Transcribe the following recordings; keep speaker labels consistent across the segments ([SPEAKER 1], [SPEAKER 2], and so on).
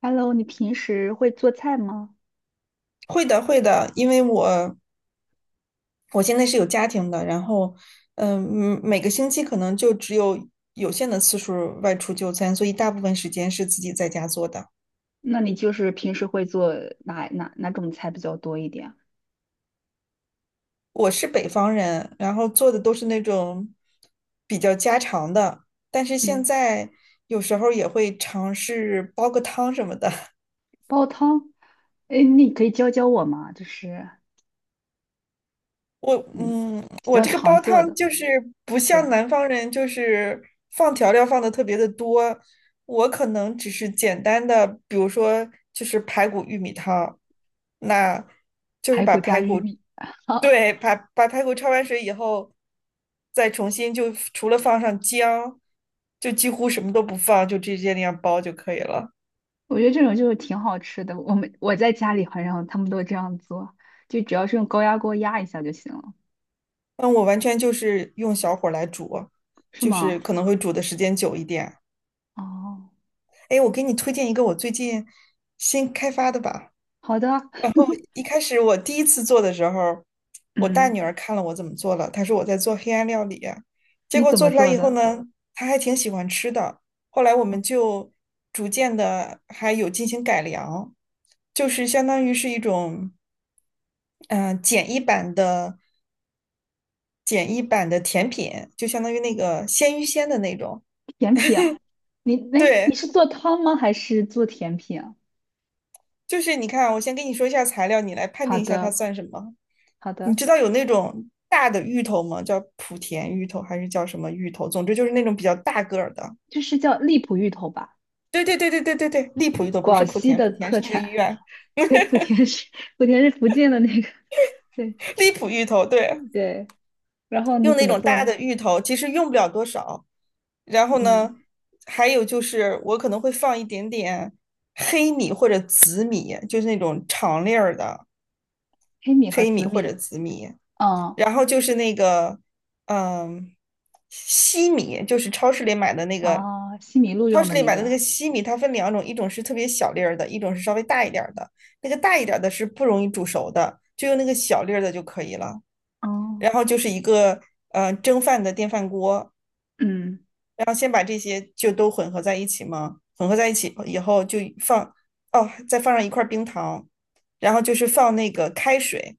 [SPEAKER 1] Hello，你平时会做菜吗？
[SPEAKER 2] 会的，会的，因为我现在是有家庭的，然后每个星期可能就只有有限的次数外出就餐，所以大部分时间是自己在家做的。
[SPEAKER 1] 那你就是平时会做哪种菜比较多一点啊？
[SPEAKER 2] 我是北方人，然后做的都是那种比较家常的，但是现
[SPEAKER 1] 嗯，
[SPEAKER 2] 在有时候也会尝试煲个汤什么的。
[SPEAKER 1] 煲汤。哎，你可以教教我吗？就是你比
[SPEAKER 2] 我
[SPEAKER 1] 较
[SPEAKER 2] 这个
[SPEAKER 1] 常
[SPEAKER 2] 煲
[SPEAKER 1] 做
[SPEAKER 2] 汤
[SPEAKER 1] 的，
[SPEAKER 2] 就是不像
[SPEAKER 1] 对，
[SPEAKER 2] 南方人，就是放调料放的特别的多。我可能只是简单的，比如说就是排骨玉米汤。那
[SPEAKER 1] 排骨加玉米，
[SPEAKER 2] 对，把排骨焯完水以后，再重新就除了放上姜，就几乎什么都不放，就直接那样煲就可以了。
[SPEAKER 1] 我觉得这种就是挺好吃的。我在家里好像他们都这样做，就只要是用高压锅压一下就行了，
[SPEAKER 2] 嗯，我完全就是用小火来煮，
[SPEAKER 1] 是
[SPEAKER 2] 就是
[SPEAKER 1] 吗？
[SPEAKER 2] 可能会煮的时间久一点。
[SPEAKER 1] 哦，
[SPEAKER 2] 哎，我给你推荐一个我最近新开发的吧。
[SPEAKER 1] 好的。
[SPEAKER 2] 一开始我第一次做的时候，我大
[SPEAKER 1] 嗯，
[SPEAKER 2] 女儿看了我怎么做了，她说我在做黑暗料理啊，结
[SPEAKER 1] 你
[SPEAKER 2] 果
[SPEAKER 1] 怎
[SPEAKER 2] 做
[SPEAKER 1] 么
[SPEAKER 2] 出来
[SPEAKER 1] 做
[SPEAKER 2] 以后
[SPEAKER 1] 的？
[SPEAKER 2] 呢，她还挺喜欢吃的。后来我们就逐渐的还有进行改良，就是相当于是一种嗯、呃简易版的简易版的甜品，就相当于那个鲜芋仙的那种。
[SPEAKER 1] 甜品啊？你哎，你
[SPEAKER 2] 对，
[SPEAKER 1] 是做汤吗？还是做甜品啊？
[SPEAKER 2] 就是你看，我先跟你说一下材料，你来判
[SPEAKER 1] 好
[SPEAKER 2] 定一下它
[SPEAKER 1] 的。
[SPEAKER 2] 算什么。
[SPEAKER 1] 好
[SPEAKER 2] 你
[SPEAKER 1] 的，
[SPEAKER 2] 知道有那种大的芋头吗？叫莆田芋头还是叫什么芋头？总之就是那种比较大个儿的。
[SPEAKER 1] 就是叫荔浦芋头吧，
[SPEAKER 2] 对对对对对对对，荔浦芋头不是
[SPEAKER 1] 广
[SPEAKER 2] 莆
[SPEAKER 1] 西
[SPEAKER 2] 田，
[SPEAKER 1] 的
[SPEAKER 2] 莆田
[SPEAKER 1] 特
[SPEAKER 2] 是那个医
[SPEAKER 1] 产。
[SPEAKER 2] 院，
[SPEAKER 1] 对，莆田是福建的那个，对
[SPEAKER 2] 荔浦芋头对，
[SPEAKER 1] 对。然后你
[SPEAKER 2] 用
[SPEAKER 1] 怎
[SPEAKER 2] 那
[SPEAKER 1] 么
[SPEAKER 2] 种
[SPEAKER 1] 做
[SPEAKER 2] 大
[SPEAKER 1] 呢？
[SPEAKER 2] 的芋头，其实用不了多少。然后呢，
[SPEAKER 1] 嗯，
[SPEAKER 2] 还有就是我可能会放一点点黑米或者紫米，就是那种长粒儿的
[SPEAKER 1] 黑米和
[SPEAKER 2] 黑
[SPEAKER 1] 紫
[SPEAKER 2] 米或者
[SPEAKER 1] 米，
[SPEAKER 2] 紫米，
[SPEAKER 1] 哦
[SPEAKER 2] 然后就是那个，嗯，西米，就是超市里买的那个，
[SPEAKER 1] 哦，西米露
[SPEAKER 2] 超
[SPEAKER 1] 用
[SPEAKER 2] 市
[SPEAKER 1] 的
[SPEAKER 2] 里
[SPEAKER 1] 那
[SPEAKER 2] 买的那
[SPEAKER 1] 个，
[SPEAKER 2] 个西米，它分两种，一种是特别小粒儿的，一种是稍微大一点儿的。那个大一点儿的是不容易煮熟的，就用那个小粒儿的就可以了。
[SPEAKER 1] 哦，
[SPEAKER 2] 然后就是一个，蒸饭的电饭锅，
[SPEAKER 1] 嗯
[SPEAKER 2] 然后先把这些就都混合在一起吗？混合在一起以后就放，哦，再放上一块冰糖，然后就是放那个开水，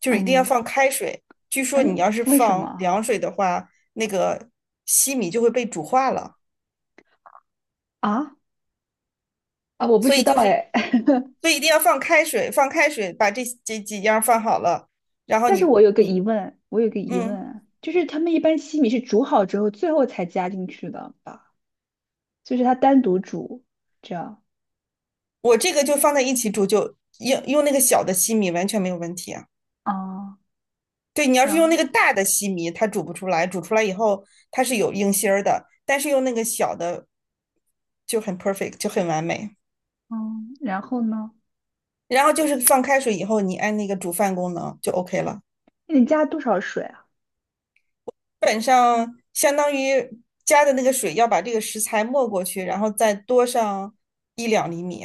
[SPEAKER 2] 就是一定要
[SPEAKER 1] 嗯，
[SPEAKER 2] 放开水。据说
[SPEAKER 1] 哎，
[SPEAKER 2] 你要是
[SPEAKER 1] 为什
[SPEAKER 2] 放
[SPEAKER 1] 么
[SPEAKER 2] 凉水的话，那个西米就会被煮化了，
[SPEAKER 1] 啊啊？我不
[SPEAKER 2] 所
[SPEAKER 1] 知
[SPEAKER 2] 以
[SPEAKER 1] 道
[SPEAKER 2] 就是，
[SPEAKER 1] 哎，
[SPEAKER 2] 所以一定要放开水，放开水把这几样放好了，然 后
[SPEAKER 1] 但是我有个疑
[SPEAKER 2] 嗯，
[SPEAKER 1] 问，就是他们一般西米是煮好之后最后才加进去的吧？就是它单独煮这样。
[SPEAKER 2] 我这个就放在一起煮就，用那个小的西米完全没有问题啊。
[SPEAKER 1] 哦，
[SPEAKER 2] 对，你要
[SPEAKER 1] 然
[SPEAKER 2] 是用
[SPEAKER 1] 后。
[SPEAKER 2] 那个大的西米，它煮不出来，煮出来以后它是有硬芯儿的，但是用那个小的就很 perfect，就很完美。
[SPEAKER 1] 嗯，然后呢？
[SPEAKER 2] 然后就是放开水以后，你按那个煮饭功能就 OK 了。
[SPEAKER 1] 那你加多少水啊？
[SPEAKER 2] 基本上相当于加的那个水要把这个食材没过去，然后再多上1-2厘米，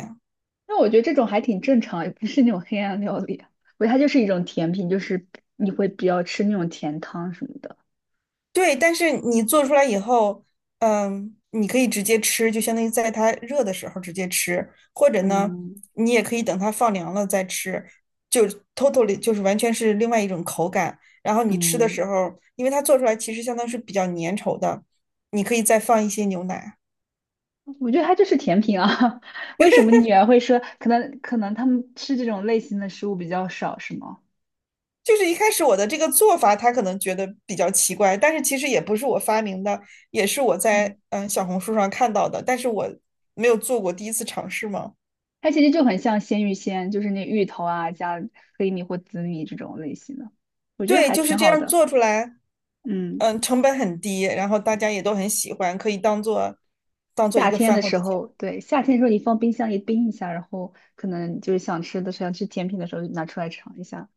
[SPEAKER 1] 那我觉得这种还挺正常，也不是那种黑暗料理啊。我觉得它就是一种甜品，就是你会比较吃那种甜汤什么的。
[SPEAKER 2] 对，但是你做出来以后，嗯，你可以直接吃，就相当于在它热的时候直接吃，或者呢，
[SPEAKER 1] 嗯
[SPEAKER 2] 你也可以等它放凉了再吃，就 totally 就是完全是另外一种口感。然后你吃的
[SPEAKER 1] 嗯，
[SPEAKER 2] 时候，因为它做出来其实相当是比较粘稠的，你可以再放一些牛奶。
[SPEAKER 1] 我觉得它就是甜品啊。为什么女儿会说，可能他们吃这种类型的食物比较少，是吗？
[SPEAKER 2] 就是一开始我的这个做法，他可能觉得比较奇怪，但是其实也不是我发明的，也是我
[SPEAKER 1] 嗯，
[SPEAKER 2] 在小红书上看到的，但是我没有做过，第一次尝试嘛。
[SPEAKER 1] 它其实就很像鲜芋仙，就是那芋头啊加黑米或紫米这种类型的，我觉得
[SPEAKER 2] 对，
[SPEAKER 1] 还
[SPEAKER 2] 就是
[SPEAKER 1] 挺
[SPEAKER 2] 这
[SPEAKER 1] 好
[SPEAKER 2] 样
[SPEAKER 1] 的。
[SPEAKER 2] 做出来，
[SPEAKER 1] 嗯。
[SPEAKER 2] 嗯，成本很低，然后大家也都很喜欢，可以当做一
[SPEAKER 1] 夏
[SPEAKER 2] 个
[SPEAKER 1] 天
[SPEAKER 2] 饭
[SPEAKER 1] 的
[SPEAKER 2] 后
[SPEAKER 1] 时
[SPEAKER 2] 的甜。
[SPEAKER 1] 候，对，夏天的时候你放冰箱里冰一下，然后可能就是想吃的时候、想吃甜品的时候就拿出来尝一下，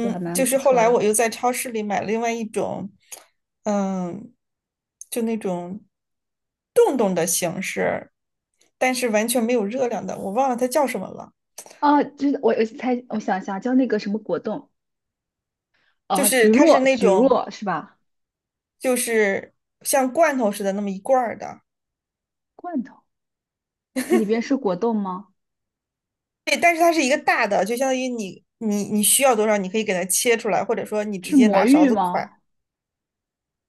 [SPEAKER 1] 都还蛮
[SPEAKER 2] 就是
[SPEAKER 1] 不
[SPEAKER 2] 后
[SPEAKER 1] 错
[SPEAKER 2] 来我
[SPEAKER 1] 的。
[SPEAKER 2] 又在超市里买了另外一种，嗯，就那种冻，但是完全没有热量的，我忘了它叫什么了。
[SPEAKER 1] 啊，我想一下，叫那个什么果冻
[SPEAKER 2] 就
[SPEAKER 1] 啊，橘
[SPEAKER 2] 是它是
[SPEAKER 1] 若
[SPEAKER 2] 那
[SPEAKER 1] 橘
[SPEAKER 2] 种，
[SPEAKER 1] 若是吧？
[SPEAKER 2] 就是像罐头似的那么一罐儿的，
[SPEAKER 1] 罐头里边是果冻吗？
[SPEAKER 2] 对，但是它是一个大的，就相当于你需要多少，你可以给它切出来，或者说你直
[SPEAKER 1] 是
[SPEAKER 2] 接
[SPEAKER 1] 魔
[SPEAKER 2] 拿勺
[SPEAKER 1] 芋
[SPEAKER 2] 子㧟。
[SPEAKER 1] 吗？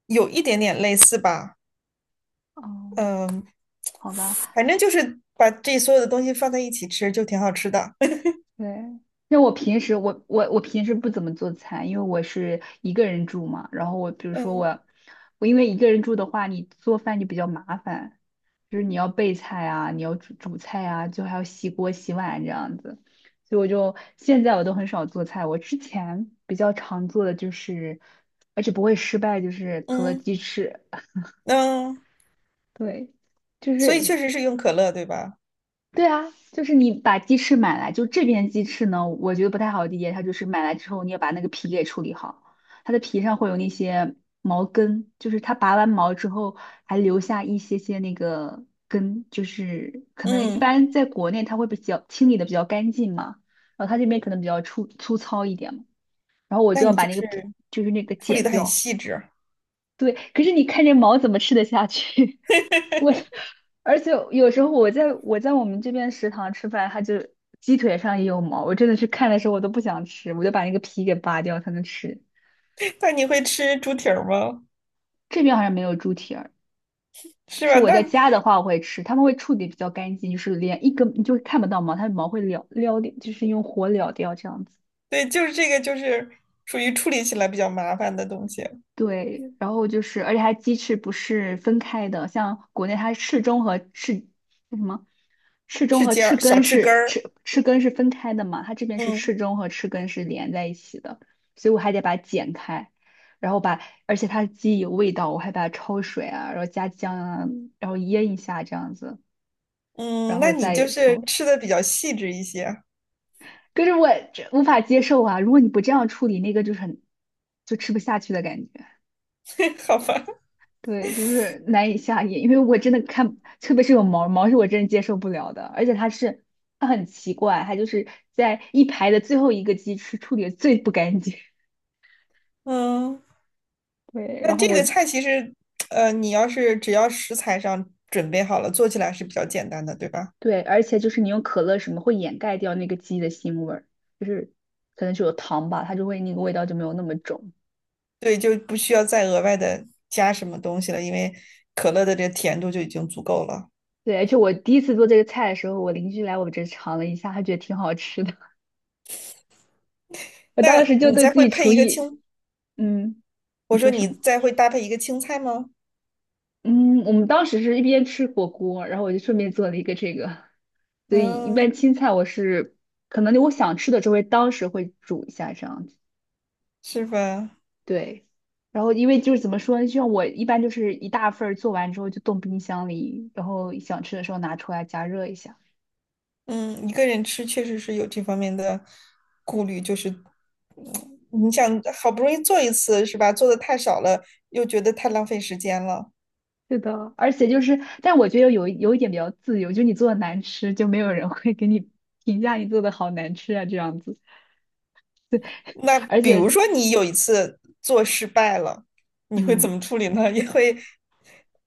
[SPEAKER 2] 有一点点类似吧，
[SPEAKER 1] 哦，
[SPEAKER 2] 嗯，
[SPEAKER 1] 好吧。
[SPEAKER 2] 反正就是把这所有的东西放在一起吃，就挺好吃的。
[SPEAKER 1] 对，那我平时不怎么做菜，因为我是一个人住嘛。然后我比如说
[SPEAKER 2] 嗯
[SPEAKER 1] 我我因为一个人住的话，你做饭就比较麻烦，就是你要备菜啊，你要煮菜啊，就还要洗锅洗碗这样子。所以我现在都很少做菜，我之前比较常做的就是，而且不会失败，就是可乐
[SPEAKER 2] 嗯
[SPEAKER 1] 鸡翅。
[SPEAKER 2] 嗯，
[SPEAKER 1] 对，就
[SPEAKER 2] 所以确
[SPEAKER 1] 是。
[SPEAKER 2] 实是用可乐，对吧？
[SPEAKER 1] 对啊，就是你把鸡翅买来，就这边鸡翅呢，我觉得不太好理解，它就是买来之后你要把那个皮给处理好，它的皮上会有那些毛根，就是它拔完毛之后还留下一些些那个根，就是可能一
[SPEAKER 2] 嗯，
[SPEAKER 1] 般在国内它会比较清理的比较干净嘛，然后它这边可能比较粗糙一点嘛，然后我
[SPEAKER 2] 那
[SPEAKER 1] 就要
[SPEAKER 2] 你
[SPEAKER 1] 把
[SPEAKER 2] 就
[SPEAKER 1] 那个
[SPEAKER 2] 是
[SPEAKER 1] 皮就是那个
[SPEAKER 2] 处理
[SPEAKER 1] 剪
[SPEAKER 2] 的很
[SPEAKER 1] 掉，
[SPEAKER 2] 细致。
[SPEAKER 1] 对，可是你看这毛怎么吃得下去？我，而且有时候我在我们这边食堂吃饭，它就鸡腿上也有毛，我真的是看的时候我都不想吃，我就把那个皮给扒掉才能吃。
[SPEAKER 2] 那你会吃猪蹄儿吗？
[SPEAKER 1] 这边好像没有猪蹄儿，就
[SPEAKER 2] 是
[SPEAKER 1] 是
[SPEAKER 2] 吧？
[SPEAKER 1] 我在
[SPEAKER 2] 那
[SPEAKER 1] 家的话我会吃，他们会处理比较干净，就是连一根你就看不到毛，它的毛会撩掉，就是用火燎掉这样子。
[SPEAKER 2] 对，就是这个，就是属于处理起来比较麻烦的东西，
[SPEAKER 1] 对，然后就是，而且它鸡翅不是分开的，像国内它翅中和翅那什么？翅中
[SPEAKER 2] 去
[SPEAKER 1] 和
[SPEAKER 2] 尖
[SPEAKER 1] 翅
[SPEAKER 2] 儿、小
[SPEAKER 1] 根
[SPEAKER 2] 翅根
[SPEAKER 1] 是
[SPEAKER 2] 儿。
[SPEAKER 1] 翅根是分开的嘛，它这边是
[SPEAKER 2] 嗯
[SPEAKER 1] 翅中和翅根是连在一起的，所以我还得把它剪开，然后把，而且它的鸡有味道，我还把它焯水啊，然后加姜啊，然后腌一下这样子，
[SPEAKER 2] 嗯，
[SPEAKER 1] 然
[SPEAKER 2] 那
[SPEAKER 1] 后
[SPEAKER 2] 你就
[SPEAKER 1] 再
[SPEAKER 2] 是
[SPEAKER 1] 做。
[SPEAKER 2] 吃的比较细致一些，
[SPEAKER 1] 可是我这无法接受啊！如果你不这样处理，那个就是很就吃不下去的感觉。
[SPEAKER 2] 好吧？
[SPEAKER 1] 对，就是难以下咽，因为我真的看，特别是有毛毛是我真的接受不了的，而且它是它很奇怪，它就是在一排的最后一个鸡翅处理的最不干净。
[SPEAKER 2] 嗯。
[SPEAKER 1] 对，然
[SPEAKER 2] 但
[SPEAKER 1] 后
[SPEAKER 2] 这
[SPEAKER 1] 我
[SPEAKER 2] 个
[SPEAKER 1] 就
[SPEAKER 2] 菜其实，你要是只要食材上准备好了，做起来是比较简单的，对吧？
[SPEAKER 1] 对，而且就是你用可乐什么会掩盖掉那个鸡的腥味儿，就是可能是有糖吧，它就会那个味道就没有那么重。
[SPEAKER 2] 对，就不需要再额外的加什么东西了，因为可乐的这甜度就已经足够了。
[SPEAKER 1] 对，而且我第一次做这个菜的时候，我邻居来我这尝了一下，他觉得挺好吃的，我当
[SPEAKER 2] 那
[SPEAKER 1] 时就
[SPEAKER 2] 你
[SPEAKER 1] 对
[SPEAKER 2] 再
[SPEAKER 1] 自
[SPEAKER 2] 会
[SPEAKER 1] 己
[SPEAKER 2] 配
[SPEAKER 1] 厨
[SPEAKER 2] 一个
[SPEAKER 1] 艺，
[SPEAKER 2] 青，
[SPEAKER 1] 嗯，
[SPEAKER 2] 我
[SPEAKER 1] 你
[SPEAKER 2] 说
[SPEAKER 1] 说什
[SPEAKER 2] 你
[SPEAKER 1] 么？
[SPEAKER 2] 再会搭配一个青菜吗？
[SPEAKER 1] 嗯，我们当时是一边吃火锅，然后我就顺便做了一个这个，所以一
[SPEAKER 2] 嗯，
[SPEAKER 1] 般青菜我是可能我想吃的就会当时会煮一下这样子，
[SPEAKER 2] 是吧？
[SPEAKER 1] 对。然后因为就是怎么说呢，就像我一般就是一大份儿做完之后就冻冰箱里，然后想吃的时候拿出来加热一下。
[SPEAKER 2] 嗯，一个人吃确实是有这方面的顾虑，就是，嗯你想好不容易做一次，是吧？做的太少了，又觉得太浪费时间了。
[SPEAKER 1] 是的，而且就是，但我觉得有一点比较自由，就你做的难吃，就没有人会给你评价你做的好难吃啊这样子，
[SPEAKER 2] 那
[SPEAKER 1] 而
[SPEAKER 2] 比如
[SPEAKER 1] 且。
[SPEAKER 2] 说你有一次做失败了，你会怎
[SPEAKER 1] 嗯，
[SPEAKER 2] 么处理呢？也会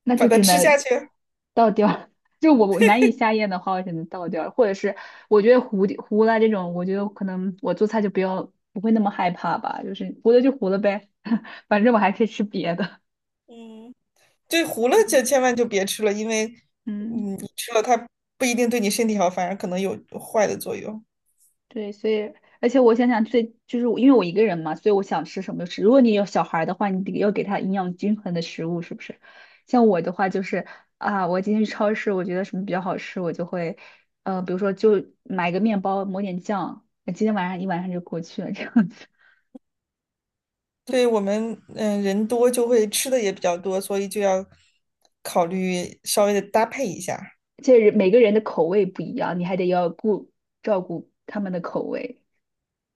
[SPEAKER 1] 那
[SPEAKER 2] 把
[SPEAKER 1] 就
[SPEAKER 2] 它
[SPEAKER 1] 只
[SPEAKER 2] 吃
[SPEAKER 1] 能
[SPEAKER 2] 下去？
[SPEAKER 1] 倒掉 就我难以下咽的话，我只能倒掉或者是我觉得糊了这种，我觉得可能我做菜就不会那么害怕吧，就是糊了就糊了呗，反正我还可以吃别的。
[SPEAKER 2] 嗯，对，糊了就千万就别吃了，因为
[SPEAKER 1] 嗯。
[SPEAKER 2] 嗯，你吃了它不一定对你身体好，反而可能有坏的作用。
[SPEAKER 1] 对，所以而且我想想最就是我因为我一个人嘛，所以我想吃什么就吃。如果你有小孩儿的话，你得要给他营养均衡的食物，是不是？像我的话就是啊，我今天去超市，我觉得什么比较好吃，我就会呃，比如说就买个面包，抹点酱，那今天晚上一晚上就过去了这样子。
[SPEAKER 2] 所以我们人多就会吃的也比较多，所以就要考虑稍微的搭配一下。
[SPEAKER 1] 这人每个人的口味不一样，你还得要照顾他们的口味，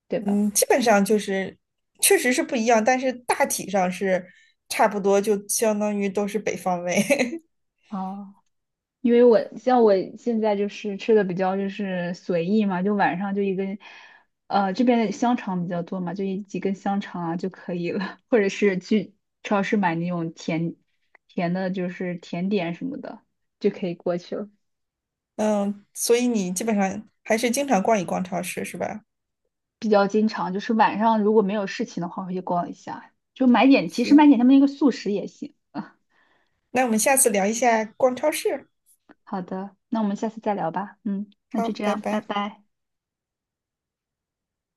[SPEAKER 1] 对吧？
[SPEAKER 2] 嗯，基本上就是确实是不一样，但是大体上是差不多，就相当于都是北方味。
[SPEAKER 1] 哦。因为我像我现在就是吃的比较就是随意嘛，就晚上就一根，呃，这边的香肠比较多嘛，就一几根香肠啊就可以了，或者是去超市买那种甜的，就是甜点什么的就可以过去了。
[SPEAKER 2] 嗯，所以你基本上还是经常逛一逛超市是吧？
[SPEAKER 1] 比较经常就是晚上如果没有事情的话，会去逛一下，就买点，其实
[SPEAKER 2] 行，
[SPEAKER 1] 买点他们那个速食也行。
[SPEAKER 2] 那我们下次聊一下逛超市。
[SPEAKER 1] 好的，那我们下次再聊吧。嗯，那
[SPEAKER 2] 好，
[SPEAKER 1] 就这
[SPEAKER 2] 拜
[SPEAKER 1] 样，拜
[SPEAKER 2] 拜。
[SPEAKER 1] 拜。